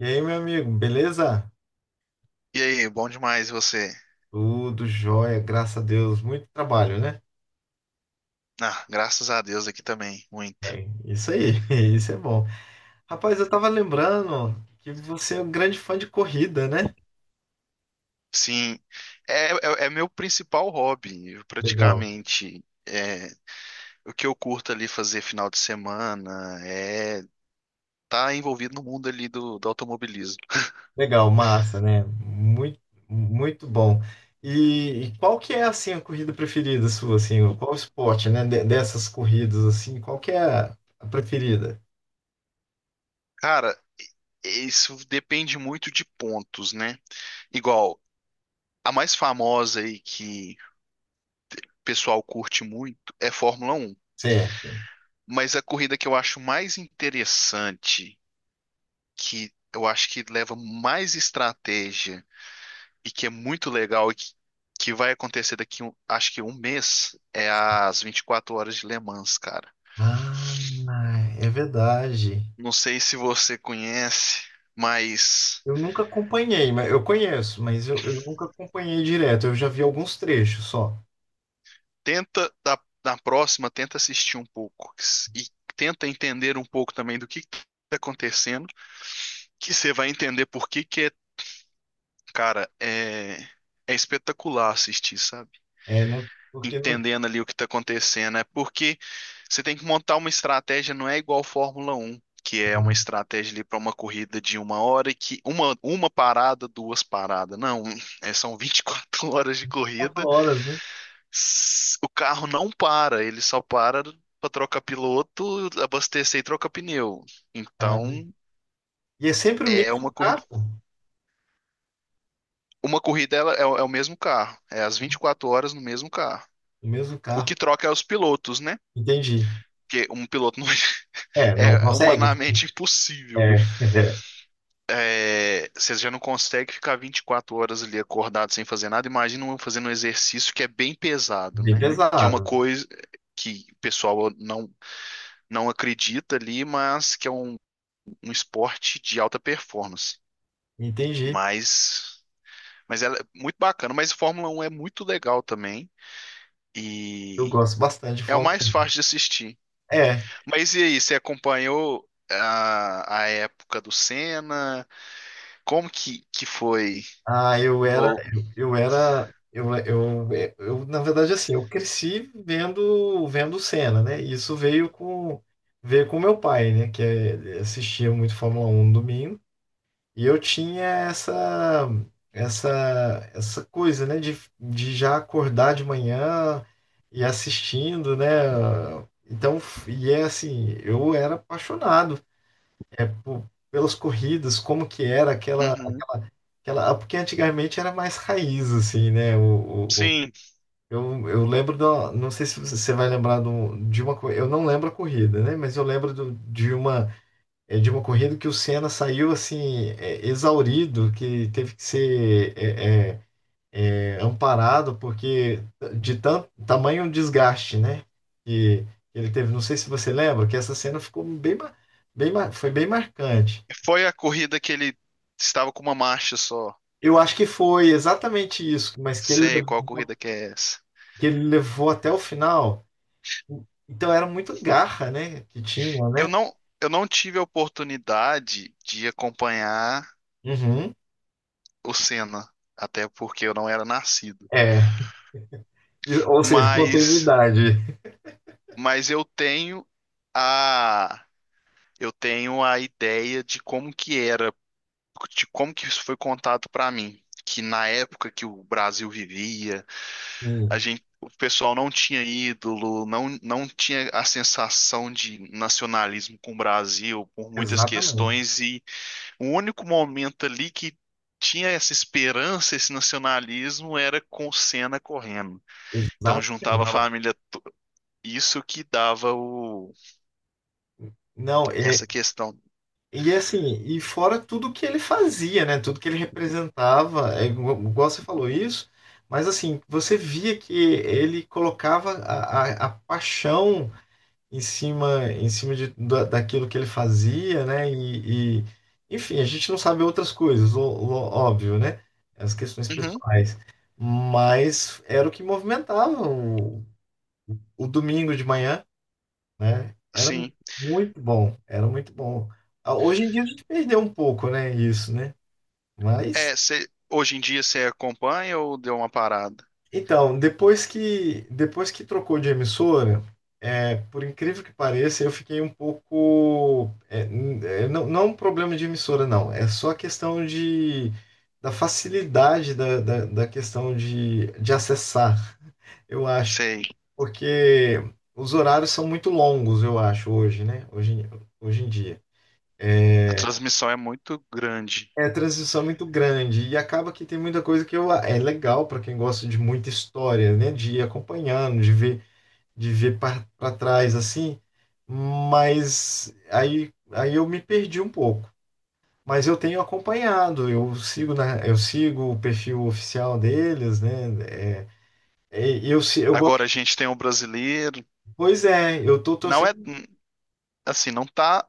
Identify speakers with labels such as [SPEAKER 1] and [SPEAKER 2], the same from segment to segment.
[SPEAKER 1] E aí, meu amigo, beleza?
[SPEAKER 2] E aí, bom demais e você?
[SPEAKER 1] Tudo jóia, graças a Deus. Muito trabalho, né?
[SPEAKER 2] Ah, graças a Deus aqui também, muito.
[SPEAKER 1] É, isso aí, isso é bom. Rapaz, eu tava lembrando que você é um grande fã de corrida, né?
[SPEAKER 2] Sim, é meu principal hobby, eu
[SPEAKER 1] Legal.
[SPEAKER 2] praticamente. É, o que eu curto ali fazer final de semana é tá envolvido no mundo ali do, do automobilismo.
[SPEAKER 1] Legal, massa, né? Muito, muito bom. E qual que é, assim, a corrida preferida sua, assim? Qual esporte, né? Dessas corridas, assim, qual que é a preferida?
[SPEAKER 2] Cara, isso depende muito de pontos, né? Igual, a mais famosa aí que o pessoal curte muito é Fórmula Um.
[SPEAKER 1] Certo.
[SPEAKER 2] Mas a corrida que eu acho mais interessante que eu acho que leva mais estratégia e que é muito legal e que vai acontecer daqui, acho que um mês, é as 24 horas de Le Mans, cara.
[SPEAKER 1] Ah, é verdade.
[SPEAKER 2] Não sei se você conhece, mas
[SPEAKER 1] Eu nunca acompanhei, mas eu conheço, mas eu nunca acompanhei direto. Eu já vi alguns trechos só.
[SPEAKER 2] tenta na próxima, tenta assistir um pouco e tenta entender um pouco também do que está acontecendo, que você vai entender por que que é, cara, é espetacular assistir, sabe?
[SPEAKER 1] É, não, porque não,
[SPEAKER 2] Entendendo ali o que está acontecendo. É porque você tem que montar uma estratégia, não é igual Fórmula Um, que é uma
[SPEAKER 1] não,
[SPEAKER 2] estratégia ali para uma corrida de uma hora e que uma parada, duas paradas. Não, são 24 horas de
[SPEAKER 1] 24
[SPEAKER 2] corrida.
[SPEAKER 1] horas, né?
[SPEAKER 2] O carro não para, ele só para para trocar piloto, abastecer e trocar pneu.
[SPEAKER 1] Ah, né?
[SPEAKER 2] Então,
[SPEAKER 1] E é sempre o
[SPEAKER 2] é uma
[SPEAKER 1] mesmo
[SPEAKER 2] corrida.
[SPEAKER 1] carro,
[SPEAKER 2] Uma corrida, ela é o mesmo carro, é as 24 horas no mesmo carro.
[SPEAKER 1] o mesmo
[SPEAKER 2] O
[SPEAKER 1] carro.
[SPEAKER 2] que troca é os pilotos, né?
[SPEAKER 1] Entendi.
[SPEAKER 2] Porque um piloto não
[SPEAKER 1] É, não
[SPEAKER 2] é
[SPEAKER 1] consegue?
[SPEAKER 2] humanamente impossível.
[SPEAKER 1] É,
[SPEAKER 2] É, você já não consegue ficar 24 horas ali acordado sem fazer nada. Imagina um fazendo um exercício que é bem pesado,
[SPEAKER 1] bem
[SPEAKER 2] né? Que é uma
[SPEAKER 1] pesado.
[SPEAKER 2] coisa que o pessoal não, não acredita ali, mas que é um, um esporte de alta performance.
[SPEAKER 1] Entendi.
[SPEAKER 2] Mas, mas ela é muito bacana. Mas Fórmula Um é muito legal também.
[SPEAKER 1] Eu
[SPEAKER 2] E
[SPEAKER 1] gosto bastante de
[SPEAKER 2] é o mais
[SPEAKER 1] Fórmula.
[SPEAKER 2] fácil de assistir.
[SPEAKER 1] É.
[SPEAKER 2] Mas e aí, você acompanhou a época do Senna? Como que foi
[SPEAKER 1] Ah, eu era,
[SPEAKER 2] Ou,
[SPEAKER 1] eu era, eu, é, eu, na verdade, assim, eu cresci vendo cena, né? Isso veio com meu pai, né? Assistia muito Fórmula Um no domingo. E eu tinha essa, essa coisa, né? De já acordar de manhã e assistindo, né? Então, e é assim, eu era apaixonado, pô, pelas corridas, como que era aquela,
[SPEAKER 2] uhum.
[SPEAKER 1] aquela, aquela. Ah, porque antigamente era mais raiz, assim, né? O, o- o-
[SPEAKER 2] Sim,
[SPEAKER 1] eu, eu lembro da. Não sei se você vai lembrar eu não lembro a corrida, né? Mas eu lembro de uma corrida que o Senna saiu, assim, exaurido, que teve que ser amparado, porque de tanto tamanho um desgaste, né? Que ele teve. Não sei se você lembra, que essa cena ficou bem. Bem, foi bem marcante.
[SPEAKER 2] foi a corrida que ele estava com uma marcha só.
[SPEAKER 1] Eu acho que foi exatamente isso, mas que ele,
[SPEAKER 2] Sei qual corrida que é essa.
[SPEAKER 1] que ele levou até o final. Então era muito garra, né? Que tinha,
[SPEAKER 2] Eu
[SPEAKER 1] né?
[SPEAKER 2] não, eu não tive a oportunidade de acompanhar
[SPEAKER 1] Uhum.
[SPEAKER 2] o Senna, até porque eu não era nascido.
[SPEAKER 1] É. Ou seja,
[SPEAKER 2] Mas,
[SPEAKER 1] continuidade.
[SPEAKER 2] mas eu a, tenho a ideia de como que era, de como que isso foi contado para mim. Que na época que o Brasil vivia, a
[SPEAKER 1] Sim,
[SPEAKER 2] gente, o pessoal não tinha ídolo, não, não tinha a sensação de nacionalismo com o Brasil por muitas
[SPEAKER 1] exatamente.
[SPEAKER 2] questões, e o único momento ali que tinha essa esperança, esse nacionalismo, era com o Senna correndo. Então
[SPEAKER 1] Exatamente.
[SPEAKER 2] juntava a família, isso que dava o,
[SPEAKER 1] Não,
[SPEAKER 2] essa questão.
[SPEAKER 1] e assim, e fora tudo que ele fazia, né? Tudo que ele representava, igual, você falou isso, mas assim, você via que ele colocava a paixão em cima da, daquilo que ele fazia, né? Enfim, a gente não sabe outras coisas, óbvio, né? As questões
[SPEAKER 2] Uhum,
[SPEAKER 1] pessoais. Mas era o que movimentava o domingo de manhã, né? Era
[SPEAKER 2] sim.
[SPEAKER 1] muito bom, era muito bom. Ah, hoje em dia a gente perdeu um pouco, né? Isso, né? Mas
[SPEAKER 2] É, hoje em dia você acompanha ou deu uma parada?
[SPEAKER 1] então, depois que trocou de emissora, por incrível que pareça, eu fiquei um pouco, não, não é um problema de emissora, não. É só a questão de da facilidade da questão de acessar, eu acho,
[SPEAKER 2] Sei,
[SPEAKER 1] porque os horários são muito longos, eu acho, hoje, né? Hoje em dia.
[SPEAKER 2] a transmissão é muito grande.
[SPEAKER 1] É a transição é muito grande e acaba que tem muita coisa é legal para quem gosta de muita história, né? De ir acompanhando, de ver, para trás assim, mas aí eu me perdi um pouco. Mas eu tenho acompanhado, eu sigo, eu sigo o perfil oficial deles, né? É, é, eu, se- eu
[SPEAKER 2] Agora
[SPEAKER 1] gosto.
[SPEAKER 2] a gente tem o brasileiro,
[SPEAKER 1] Pois é, eu tô
[SPEAKER 2] não é,
[SPEAKER 1] torcendo.
[SPEAKER 2] assim, não tá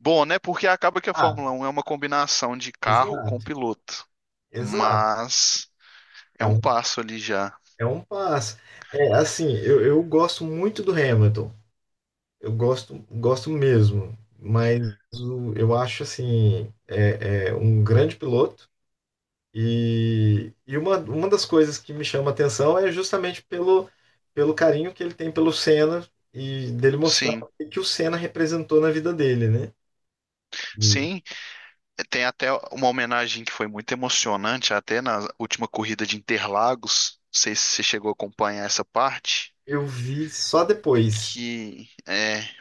[SPEAKER 2] bom, né? Porque acaba que a
[SPEAKER 1] Ah,
[SPEAKER 2] Fórmula Um é uma combinação de carro com
[SPEAKER 1] exato,
[SPEAKER 2] piloto,
[SPEAKER 1] exato.
[SPEAKER 2] mas é
[SPEAKER 1] É
[SPEAKER 2] um
[SPEAKER 1] um,
[SPEAKER 2] passo ali já.
[SPEAKER 1] é um passo. É assim, eu gosto muito do Hamilton. Eu gosto, gosto mesmo. Mas eu acho assim, é um grande piloto. E uma das coisas que me chama a atenção é justamente pelo, carinho que ele tem pelo Senna e dele mostrar
[SPEAKER 2] Sim,
[SPEAKER 1] o que que o Senna representou na vida dele, né? E
[SPEAKER 2] sim, tem até uma homenagem que foi muito emocionante, até na última corrida de Interlagos. Não sei se você chegou a acompanhar essa parte,
[SPEAKER 1] eu vi só depois.
[SPEAKER 2] que é,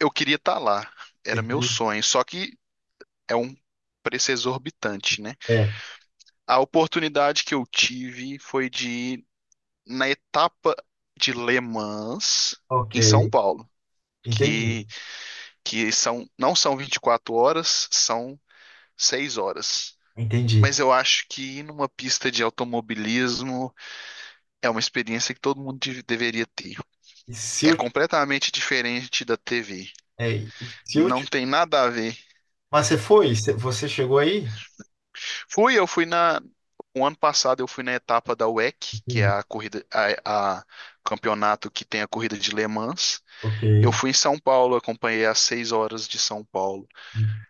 [SPEAKER 2] eu queria estar lá, era meu
[SPEAKER 1] daquele-
[SPEAKER 2] sonho, só que é um preço exorbitante, né?
[SPEAKER 1] É,
[SPEAKER 2] A oportunidade que eu tive foi de ir na etapa de Le Mans,
[SPEAKER 1] ok,
[SPEAKER 2] em São Paulo,
[SPEAKER 1] entendi,
[SPEAKER 2] que, que, são, não são 24 horas, são 6 horas.
[SPEAKER 1] entendi.
[SPEAKER 2] Mas eu acho que ir numa pista de automobilismo é uma experiência que todo mundo deveria ter.
[SPEAKER 1] E se
[SPEAKER 2] É
[SPEAKER 1] eu,
[SPEAKER 2] completamente diferente da TV.
[SPEAKER 1] é, e se eu,
[SPEAKER 2] Não
[SPEAKER 1] te-
[SPEAKER 2] tem nada a ver.
[SPEAKER 1] mas você foi? Você chegou aí?
[SPEAKER 2] Fui, eu fui na. O ano passado eu fui na etapa da WEC, que é
[SPEAKER 1] Entendi.
[SPEAKER 2] a corrida, a campeonato que tem a corrida de Le Mans.
[SPEAKER 1] Ok,
[SPEAKER 2] Eu fui em São Paulo, acompanhei as seis horas de São Paulo.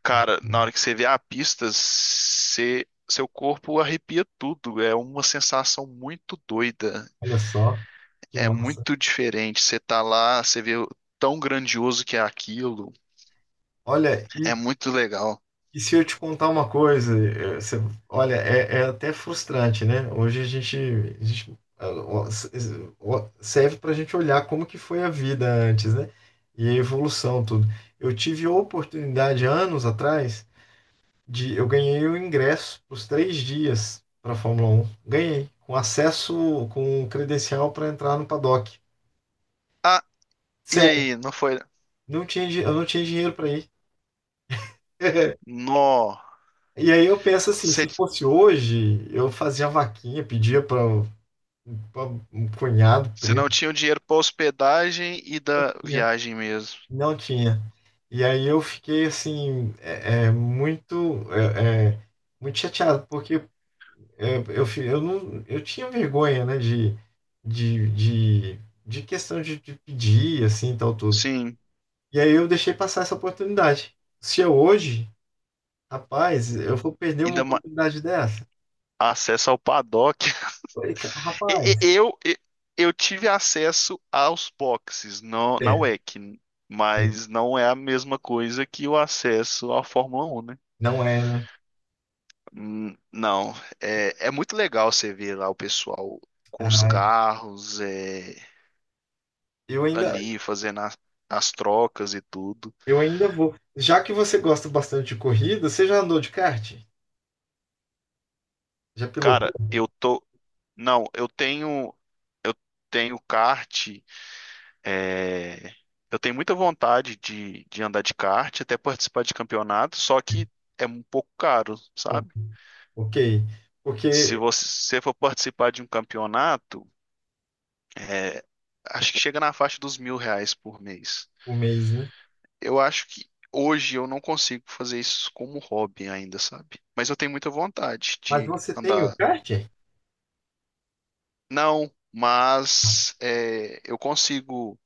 [SPEAKER 2] Cara, na hora que você vê a pista, você- seu corpo arrepia tudo. É uma sensação muito doida.
[SPEAKER 1] olha só, que
[SPEAKER 2] É
[SPEAKER 1] massa.
[SPEAKER 2] muito diferente. Você tá lá, você vê o tão grandioso que é aquilo.
[SPEAKER 1] Olha,
[SPEAKER 2] É muito legal.
[SPEAKER 1] e se eu te contar uma coisa, olha, é até frustrante, né? Hoje ó, s- s- ó, serve para a gente olhar como que foi a vida antes, né? E a evolução, tudo. Eu tive a oportunidade, anos atrás, de eu ganhei o ingresso para os 3 dias para a Fórmula Um. Ganhei com acesso, com credencial para entrar no paddock.
[SPEAKER 2] Ah, e
[SPEAKER 1] Sério,
[SPEAKER 2] aí, não foi?
[SPEAKER 1] eu não tinha dinheiro para ir.
[SPEAKER 2] Nó,
[SPEAKER 1] E aí eu penso assim,
[SPEAKER 2] você,
[SPEAKER 1] se fosse hoje, eu fazia vaquinha, pedia para um pa- um cunhado,
[SPEAKER 2] você
[SPEAKER 1] primo,
[SPEAKER 2] não tinha o dinheiro pra hospedagem e
[SPEAKER 1] não
[SPEAKER 2] da
[SPEAKER 1] tinha.
[SPEAKER 2] viagem mesmo.
[SPEAKER 1] Não tinha. E aí eu fiquei assim, muito chateado, porque não, eu tinha vergonha, né, de, de, de questão de pedir, assim, tal, tudo.
[SPEAKER 2] Sim,
[SPEAKER 1] E aí eu deixei passar essa oportunidade. Se eu hoje, rapaz, eu vou perder uma
[SPEAKER 2] ainda
[SPEAKER 1] oportunidade dessa?
[SPEAKER 2] acesso ao paddock.
[SPEAKER 1] Falei,
[SPEAKER 2] E-
[SPEAKER 1] Rapaz,
[SPEAKER 2] e- Eu, e- eu tive acesso aos boxes na
[SPEAKER 1] é,
[SPEAKER 2] WEC,
[SPEAKER 1] é,
[SPEAKER 2] mas não é a mesma coisa que o acesso à Fórmula 1, né?
[SPEAKER 1] não é, né?
[SPEAKER 2] Não, é muito legal você ver lá o pessoal com os
[SPEAKER 1] Ai,
[SPEAKER 2] carros,
[SPEAKER 1] eu ainda,
[SPEAKER 2] ali fazendo as trocas e tudo.
[SPEAKER 1] eu ainda vou." Já que você gosta bastante de corrida, você já andou de kart? Já
[SPEAKER 2] Cara,
[SPEAKER 1] pilotou?
[SPEAKER 2] eu tô. Não, eu tenho kart. É, eu tenho muita vontade de andar de kart, até participar de campeonato, só que é um pouco caro, sabe?
[SPEAKER 1] Ok.
[SPEAKER 2] Se
[SPEAKER 1] Porque
[SPEAKER 2] você for participar de um campeonato, é, acho que chega na faixa dos 1.000 reais por mês.
[SPEAKER 1] o mês, né?
[SPEAKER 2] Eu acho que hoje eu não consigo fazer isso como hobby ainda, sabe? Mas eu tenho muita vontade
[SPEAKER 1] Mas
[SPEAKER 2] de
[SPEAKER 1] você tem o
[SPEAKER 2] andar.
[SPEAKER 1] kart?
[SPEAKER 2] Não, mas é, eu consigo.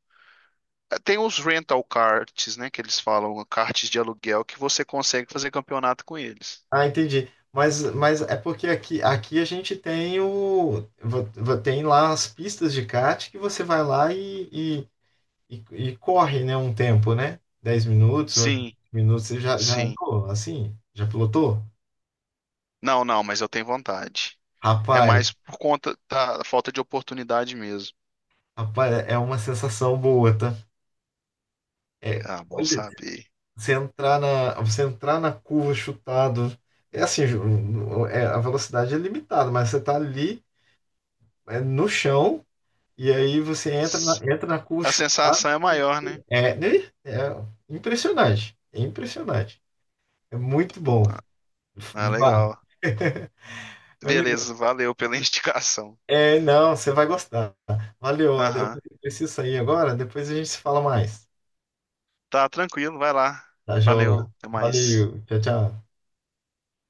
[SPEAKER 2] Tem os rental karts, né, que eles falam, karts de aluguel, que você consegue fazer campeonato com eles.
[SPEAKER 1] Ah, entendi. Mas, é porque aqui a gente tem o. vo- vo- Tem lá as pistas de kart que você vai lá e, e, e corre, né? Um tempo, né? 10 minutos, eu acho, 20
[SPEAKER 2] Sim,
[SPEAKER 1] minutos. Você já
[SPEAKER 2] sim.
[SPEAKER 1] andou assim? Já pilotou?
[SPEAKER 2] Não, não, mas eu tenho vontade. É
[SPEAKER 1] Rapaz,
[SPEAKER 2] mais por conta da falta de oportunidade mesmo.
[SPEAKER 1] rapaz, é uma sensação boa, tá? É,
[SPEAKER 2] Ah, bom
[SPEAKER 1] olha,
[SPEAKER 2] saber.
[SPEAKER 1] Você entrar na curva chutado. É assim, Ju, a velocidade é limitada, mas você tá ali, no chão, e aí você entra na curva
[SPEAKER 2] A
[SPEAKER 1] chutado.
[SPEAKER 2] sensação é maior, né?
[SPEAKER 1] É, né? É impressionante. É impressionante. É muito bom.
[SPEAKER 2] Ah, ah,
[SPEAKER 1] Vá.
[SPEAKER 2] legal.
[SPEAKER 1] Meu amigo,
[SPEAKER 2] Beleza, valeu pela indicação.
[SPEAKER 1] não, você vai gostar. Valeu, eu
[SPEAKER 2] Aham.
[SPEAKER 1] preciso sair agora, depois a gente se fala mais.
[SPEAKER 2] Tá tranquilo, vai lá.
[SPEAKER 1] Tá, João?
[SPEAKER 2] Valeu, até mais.
[SPEAKER 1] Valeu, tchau, tchau.